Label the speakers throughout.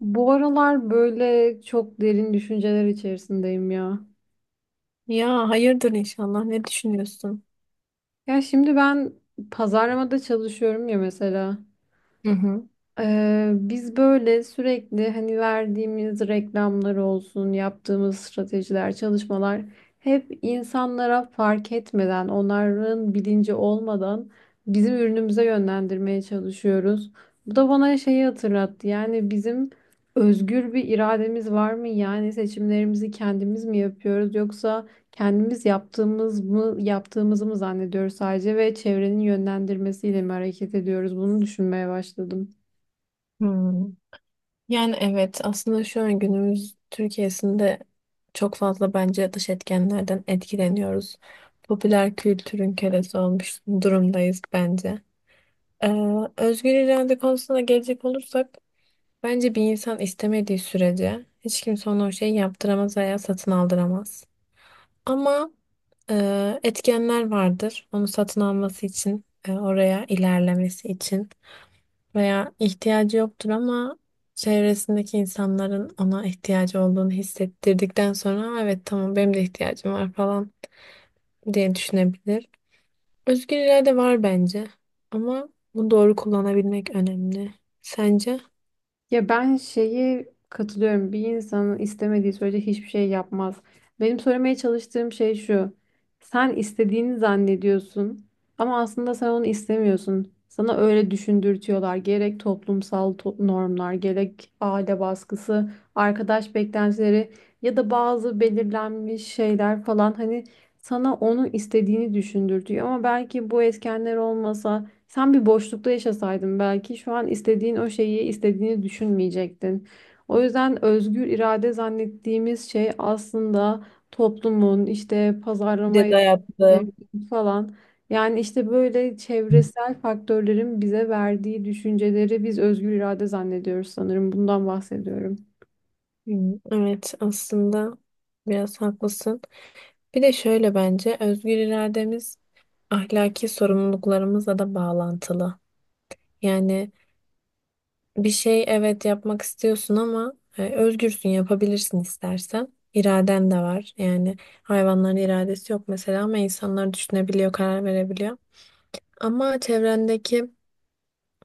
Speaker 1: Bu aralar böyle çok derin düşünceler içerisindeyim ya.
Speaker 2: Ya hayırdır inşallah. Ne düşünüyorsun?
Speaker 1: Ya şimdi ben pazarlamada çalışıyorum ya mesela.
Speaker 2: Hı hı.
Speaker 1: Biz böyle sürekli hani verdiğimiz reklamlar olsun, yaptığımız stratejiler, çalışmalar hep insanlara fark etmeden, onların bilinci olmadan bizim ürünümüze yönlendirmeye çalışıyoruz. Bu da bana şeyi hatırlattı. Yani bizim özgür bir irademiz var mı? Yani seçimlerimizi kendimiz mi yapıyoruz yoksa kendimiz yaptığımızı mı zannediyoruz sadece ve çevrenin yönlendirmesiyle mi hareket ediyoruz? Bunu düşünmeye başladım.
Speaker 2: Hmm. Yani evet aslında şu an günümüz Türkiye'sinde çok fazla bence dış etkenlerden etkileniyoruz. Popüler kültürün kölesi olmuş durumdayız bence. Ee, Özgür irade konusuna gelecek olursak bence bir insan istemediği sürece hiç kimse ona o şeyi yaptıramaz veya satın aldıramaz. Ama etkenler vardır onu satın alması için, oraya ilerlemesi için. Veya ihtiyacı yoktur ama çevresindeki insanların ona ihtiyacı olduğunu hissettirdikten sonra evet tamam benim de ihtiyacım var falan diye düşünebilir. Özgür irade var bence ama bunu doğru kullanabilmek önemli. Sence?
Speaker 1: Ya ben şeyi katılıyorum. Bir insanın istemediği sürece hiçbir şey yapmaz. Benim söylemeye çalıştığım şey şu. Sen istediğini zannediyorsun ama aslında sen onu istemiyorsun. Sana öyle düşündürtüyorlar. Gerek toplumsal normlar, gerek aile baskısı, arkadaş beklentileri ya da bazı belirlenmiş şeyler falan hani sana onu istediğini düşündürtüyor. Ama belki bu etkenler olmasa sen bir boşlukta yaşasaydın belki şu an istediğin o şeyi istediğini düşünmeyecektin. O yüzden özgür irade zannettiğimiz şey aslında toplumun işte
Speaker 2: Bir
Speaker 1: pazarlama
Speaker 2: de dayattı.
Speaker 1: etkilerinin falan yani işte böyle çevresel faktörlerin bize verdiği düşünceleri biz özgür irade zannediyoruz sanırım. Bundan bahsediyorum.
Speaker 2: Hmm, evet aslında biraz haklısın. Bir de şöyle bence özgür irademiz ahlaki sorumluluklarımızla da bağlantılı. Yani bir şey evet yapmak istiyorsun ama özgürsün yapabilirsin istersen. İraden de var. Yani hayvanların iradesi yok mesela ama insanlar düşünebiliyor, karar verebiliyor. Ama çevrendeki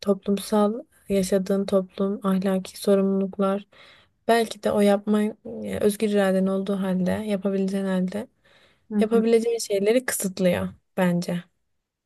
Speaker 2: toplumsal yaşadığın toplum, ahlaki sorumluluklar belki de o yapma, özgür iraden olduğu halde, yapabileceğin halde
Speaker 1: Hı hı.
Speaker 2: yapabileceğin şeyleri kısıtlıyor bence.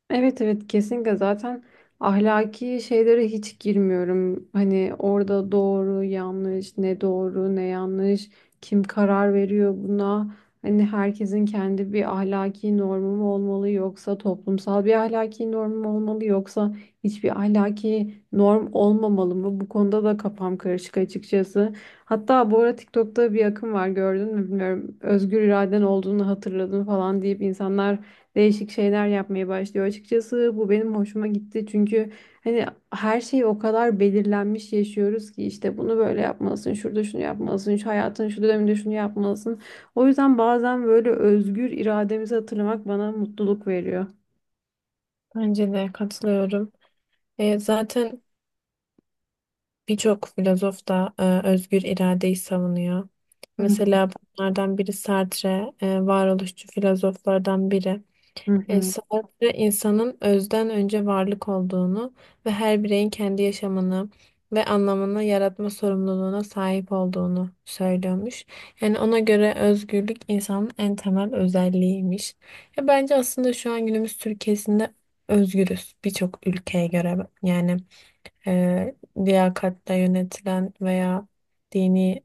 Speaker 1: Evet, evet, kesinlikle zaten ahlaki şeylere hiç girmiyorum. Hani orada doğru yanlış, ne doğru ne yanlış, kim karar veriyor buna. Hani herkesin kendi bir ahlaki normu mu olmalı yoksa toplumsal bir ahlaki normu mu olmalı yoksa hiçbir ahlaki norm olmamalı mı? Bu konuda da kafam karışık açıkçası. Hatta bu ara TikTok'ta bir akım var, gördün mü bilmiyorum. Özgür iraden olduğunu hatırladım falan deyip insanlar değişik şeyler yapmaya başlıyor. Açıkçası bu benim hoşuma gitti çünkü hani her şey o kadar belirlenmiş yaşıyoruz ki işte bunu böyle yapmalısın, şurada şunu yapmalısın, şu hayatın şu döneminde şunu yapmalısın. O yüzden bazen böyle özgür irademizi hatırlamak bana mutluluk veriyor.
Speaker 2: Bence de katılıyorum. Zaten birçok filozof da özgür iradeyi savunuyor.
Speaker 1: Hı
Speaker 2: Mesela bunlardan biri Sartre, varoluşçu filozoflardan biri.
Speaker 1: hı hı.
Speaker 2: Sartre insanın özden önce varlık olduğunu ve her bireyin kendi yaşamını ve anlamını yaratma sorumluluğuna sahip olduğunu söylüyormuş. Yani ona göre özgürlük insanın en temel özelliğiymiş. Ya bence aslında şu an günümüz Türkiye'sinde özgürüz birçok ülkeye göre, yani liyakatle yönetilen veya dini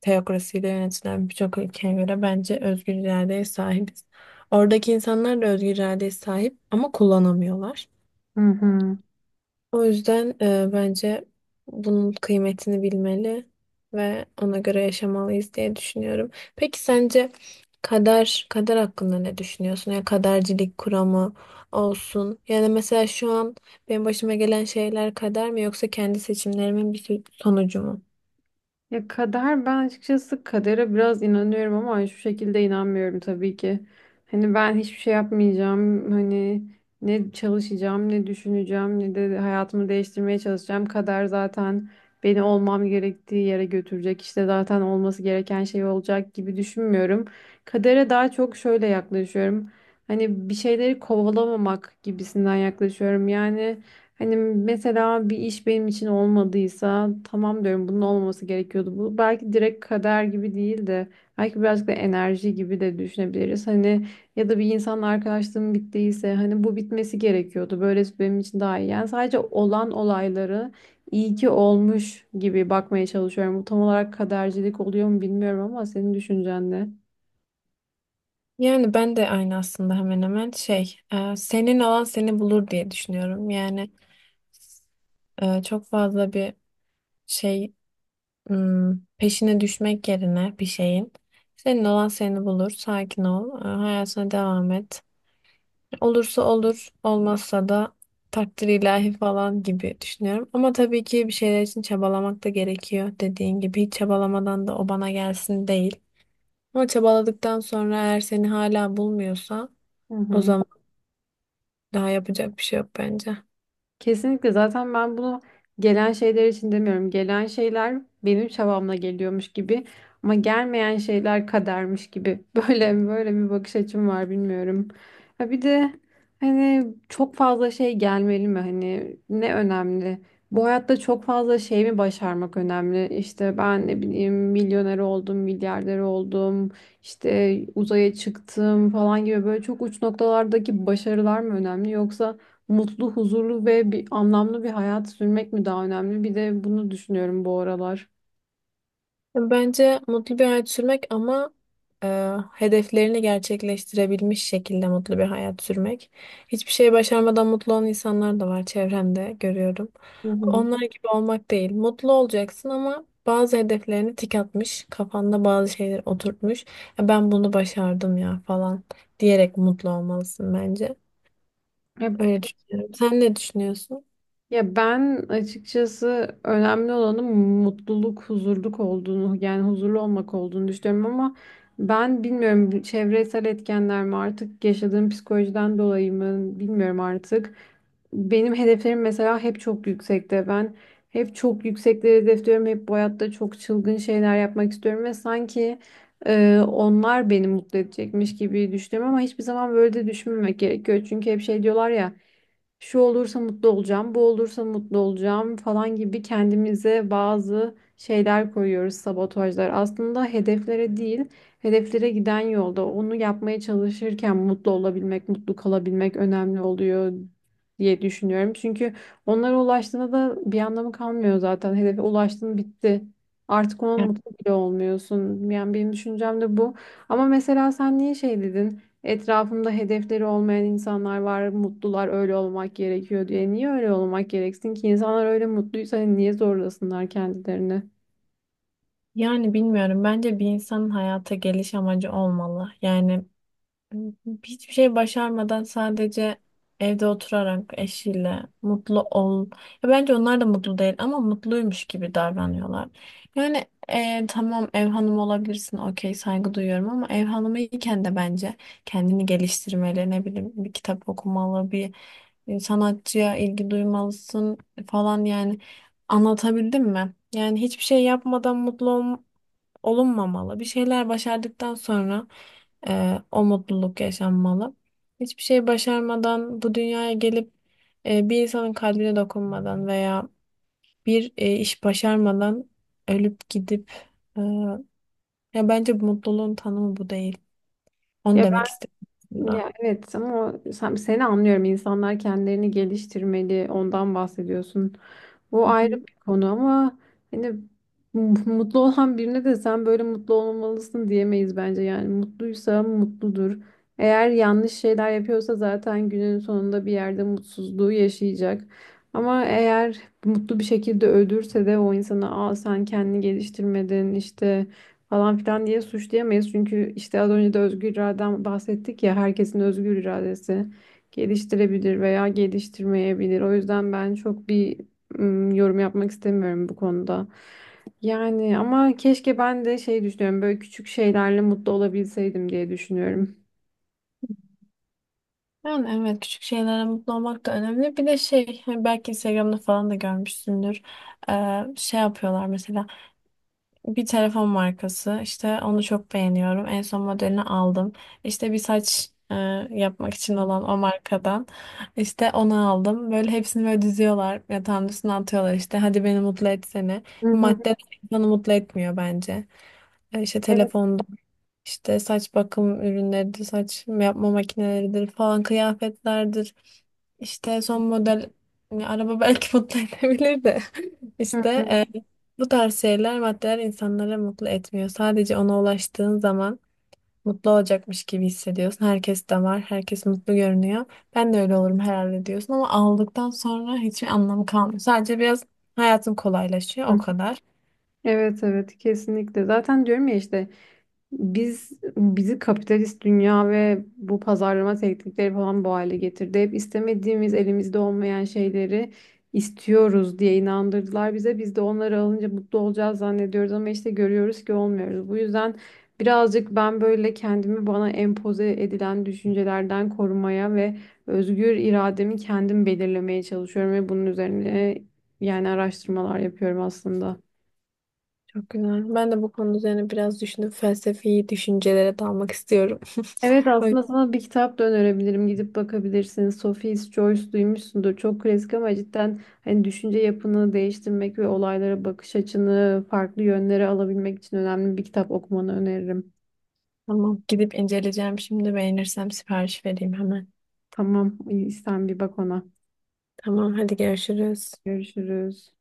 Speaker 2: teokrasiyle yönetilen birçok ülkeye göre bence özgür iradeye sahibiz. Oradaki insanlar da özgür iradeye sahip ama kullanamıyorlar.
Speaker 1: Hı hı.
Speaker 2: O yüzden bence bunun kıymetini bilmeli ve ona göre yaşamalıyız diye düşünüyorum. Peki sence kader hakkında ne düşünüyorsun? Ya kadercilik kuramı olsun. Yani mesela şu an benim başıma gelen şeyler kader mi yoksa kendi seçimlerimin bir sonucu mu?
Speaker 1: Ya kader, ben açıkçası kadere biraz inanıyorum ama şu şekilde inanmıyorum tabii ki. Hani ben hiçbir şey yapmayacağım. Hani ne çalışacağım, ne düşüneceğim, ne de hayatımı değiştirmeye çalışacağım. Kader zaten beni olmam gerektiği yere götürecek. İşte zaten olması gereken şey olacak gibi düşünmüyorum. Kadere daha çok şöyle yaklaşıyorum. Hani bir şeyleri kovalamamak gibisinden yaklaşıyorum. Yani hani mesela bir iş benim için olmadıysa tamam diyorum, bunun olmaması gerekiyordu. Bu belki direkt kader gibi değil de belki birazcık da enerji gibi de düşünebiliriz. Hani ya da bir insanla arkadaşlığım bittiyse hani bu bitmesi gerekiyordu. Böylesi benim için daha iyi. Yani sadece olan olayları iyi ki olmuş gibi bakmaya çalışıyorum. Bu tam olarak kadercilik oluyor mu bilmiyorum, ama senin düşüncen ne?
Speaker 2: Yani ben de aynı aslında hemen hemen şey, senin olan seni bulur diye düşünüyorum. Yani çok fazla bir şey, hmm, peşine düşmek yerine bir şeyin. Senin olan seni bulur. Sakin ol. Hayatına devam et. Olursa olur, olmazsa da takdir ilahi falan gibi düşünüyorum. Ama tabii ki bir şeyler için çabalamak da gerekiyor. Dediğin gibi hiç çabalamadan da o bana gelsin değil. Ama çabaladıktan sonra eğer seni hala bulmuyorsa
Speaker 1: Hı
Speaker 2: o
Speaker 1: hı.
Speaker 2: zaman daha yapacak bir şey yok bence.
Speaker 1: Kesinlikle, zaten ben bunu gelen şeyler için demiyorum. Gelen şeyler benim çabamla geliyormuş gibi, ama gelmeyen şeyler kadermiş gibi. Böyle böyle bir bakış açım var, bilmiyorum. Ha, bir de hani çok fazla şey gelmeli mi? Hani ne önemli? Bu hayatta çok fazla şey mi başarmak önemli? İşte ben ne bileyim, milyoner oldum, milyarder oldum, işte uzaya çıktım falan gibi böyle çok uç noktalardaki başarılar mı önemli yoksa mutlu, huzurlu ve bir anlamlı bir hayat sürmek mi daha önemli? Bir de bunu düşünüyorum bu aralar.
Speaker 2: Bence mutlu bir hayat sürmek ama hedeflerini gerçekleştirebilmiş şekilde mutlu bir hayat sürmek. Hiçbir şey başarmadan mutlu olan insanlar da var, çevremde görüyorum.
Speaker 1: Hı hı.
Speaker 2: Onlar gibi olmak değil. Mutlu olacaksın ama bazı hedeflerini tik atmış, kafanda bazı şeyler oturtmuş. "E, ben bunu başardım ya" falan diyerek mutlu olmalısın bence.
Speaker 1: Hep
Speaker 2: Öyle düşünüyorum. Sen ne düşünüyorsun?
Speaker 1: Ya ben açıkçası önemli olanın mutluluk, huzurluk olduğunu, yani huzurlu olmak olduğunu düşünüyorum, ama ben bilmiyorum, bu çevresel etkenler mi artık, yaşadığım psikolojiden dolayı mı bilmiyorum artık. Benim hedeflerim mesela hep çok yüksekte. Ben hep çok yüksekleri hedefliyorum. Hep bu hayatta çok çılgın şeyler yapmak istiyorum ve sanki onlar beni mutlu edecekmiş gibi düşünüyorum, ama hiçbir zaman böyle de düşünmemek gerekiyor. Çünkü hep şey diyorlar ya, şu olursa mutlu olacağım, bu olursa mutlu olacağım falan gibi kendimize bazı şeyler koyuyoruz, sabotajlar. Aslında hedeflere değil, hedeflere giden yolda onu yapmaya çalışırken mutlu olabilmek, mutlu kalabilmek önemli oluyor diye düşünüyorum. Çünkü onlara ulaştığında da bir anlamı kalmıyor zaten. Hedefe ulaştın, bitti. Artık ona
Speaker 2: Ya-
Speaker 1: mutlu bile olmuyorsun. Yani benim düşüncem de bu. Ama mesela sen niye şey dedin? Etrafımda hedefleri olmayan insanlar var, mutlular, öyle olmak gerekiyor diye. Niye öyle olmak gereksin ki? İnsanlar öyle mutluysa hani niye zorlasınlar kendilerini?
Speaker 2: Yani bilmiyorum. Bence bir insanın hayata geliş amacı olmalı. Yani hiçbir şey başarmadan sadece evde oturarak eşiyle mutlu ol. Ya bence onlar da mutlu değil ama mutluymuş gibi davranıyorlar. Yani tamam, ev hanımı olabilirsin, okey, saygı duyuyorum ama ev hanımı iken de bence kendini geliştirmeli, ne bileyim, bir kitap okumalı, bir sanatçıya ilgi duymalısın falan, yani anlatabildim mi? Yani hiçbir şey yapmadan mutlu olunmamalı. Bir şeyler başardıktan sonra o mutluluk yaşanmalı. Hiçbir şey başarmadan bu dünyaya gelip bir insanın kalbine dokunmadan veya bir iş başarmadan ölüp gidip e, ya bence bu mutluluğun tanımı bu değil. Onu
Speaker 1: Ya
Speaker 2: demek istedim aslında.
Speaker 1: Ya, evet ama seni anlıyorum. İnsanlar kendilerini geliştirmeli. Ondan bahsediyorsun. Bu
Speaker 2: Hı
Speaker 1: ayrı
Speaker 2: hı.
Speaker 1: bir konu ama hani mutlu olan birine de sen böyle mutlu olmalısın diyemeyiz bence. Yani mutluysa mutludur. Eğer yanlış şeyler yapıyorsa zaten günün sonunda bir yerde mutsuzluğu yaşayacak. Ama eğer mutlu bir şekilde ölürse de o insana, aa sen kendini geliştirmedin işte falan filan diye suçlayamayız. Çünkü işte az önce de özgür iraden bahsettik ya, herkesin özgür iradesi geliştirebilir veya geliştirmeyebilir. O yüzden ben çok bir yorum yapmak istemiyorum bu konuda. Yani ama keşke ben de şey düşünüyorum, böyle küçük şeylerle mutlu olabilseydim diye düşünüyorum.
Speaker 2: Yani evet, küçük şeylere mutlu olmak da önemli. Bir de şey, hani belki Instagram'da falan da görmüşsündür. Şey yapıyorlar mesela. Bir telefon markası, işte onu çok beğeniyorum, en son modelini aldım. İşte bir saç yapmak için olan o markadan işte onu aldım. Böyle hepsini böyle diziyorlar, yatağın üstüne atıyorlar, işte hadi beni mutlu etsene.
Speaker 1: Hı hı.
Speaker 2: Madde insanı mutlu etmiyor bence. İşte
Speaker 1: Evet.
Speaker 2: telefonda işte saç bakım ürünleridir, saç yapma makineleridir falan, kıyafetlerdir. İşte son model, yani araba belki mutlu edebilir de
Speaker 1: Hı
Speaker 2: işte
Speaker 1: hı.
Speaker 2: e, bu tarz şeyler, maddeler insanları mutlu etmiyor. Sadece ona ulaştığın zaman mutlu olacakmış gibi hissediyorsun. Herkes de var, herkes mutlu görünüyor. Ben de öyle olurum herhalde diyorsun ama aldıktan sonra hiçbir anlamı kalmıyor. Sadece biraz hayatım kolaylaşıyor, o
Speaker 1: Hı.
Speaker 2: kadar.
Speaker 1: Evet, evet, kesinlikle. Zaten diyorum ya işte, Biz bizi kapitalist dünya ve bu pazarlama teknikleri falan bu hale getirdi. Hep istemediğimiz, elimizde olmayan şeyleri istiyoruz diye inandırdılar bize. Biz de onları alınca mutlu olacağız zannediyoruz, ama işte görüyoruz ki olmuyoruz. Bu yüzden birazcık ben böyle kendimi bana empoze edilen düşüncelerden korumaya ve özgür irademi kendim belirlemeye çalışıyorum ve bunun üzerine yani araştırmalar yapıyorum aslında.
Speaker 2: Çok güzel. Ben de bu konu üzerine biraz düşünüp felsefi düşüncelere dalmak istiyorum.
Speaker 1: Evet,
Speaker 2: O
Speaker 1: aslında
Speaker 2: yüzden...
Speaker 1: sana bir kitap da önerebilirim. Gidip bakabilirsiniz. Sophie's Choice, duymuşsundur. Çok klasik ama cidden hani düşünce yapını değiştirmek ve olaylara bakış açını farklı yönlere alabilmek için önemli bir kitap, okumanı öneririm.
Speaker 2: Tamam, gidip inceleyeceğim. Şimdi beğenirsem sipariş vereyim hemen.
Speaker 1: Tamam, iyi, sen bir bak ona.
Speaker 2: Tamam, hadi görüşürüz.
Speaker 1: Görüşürüz.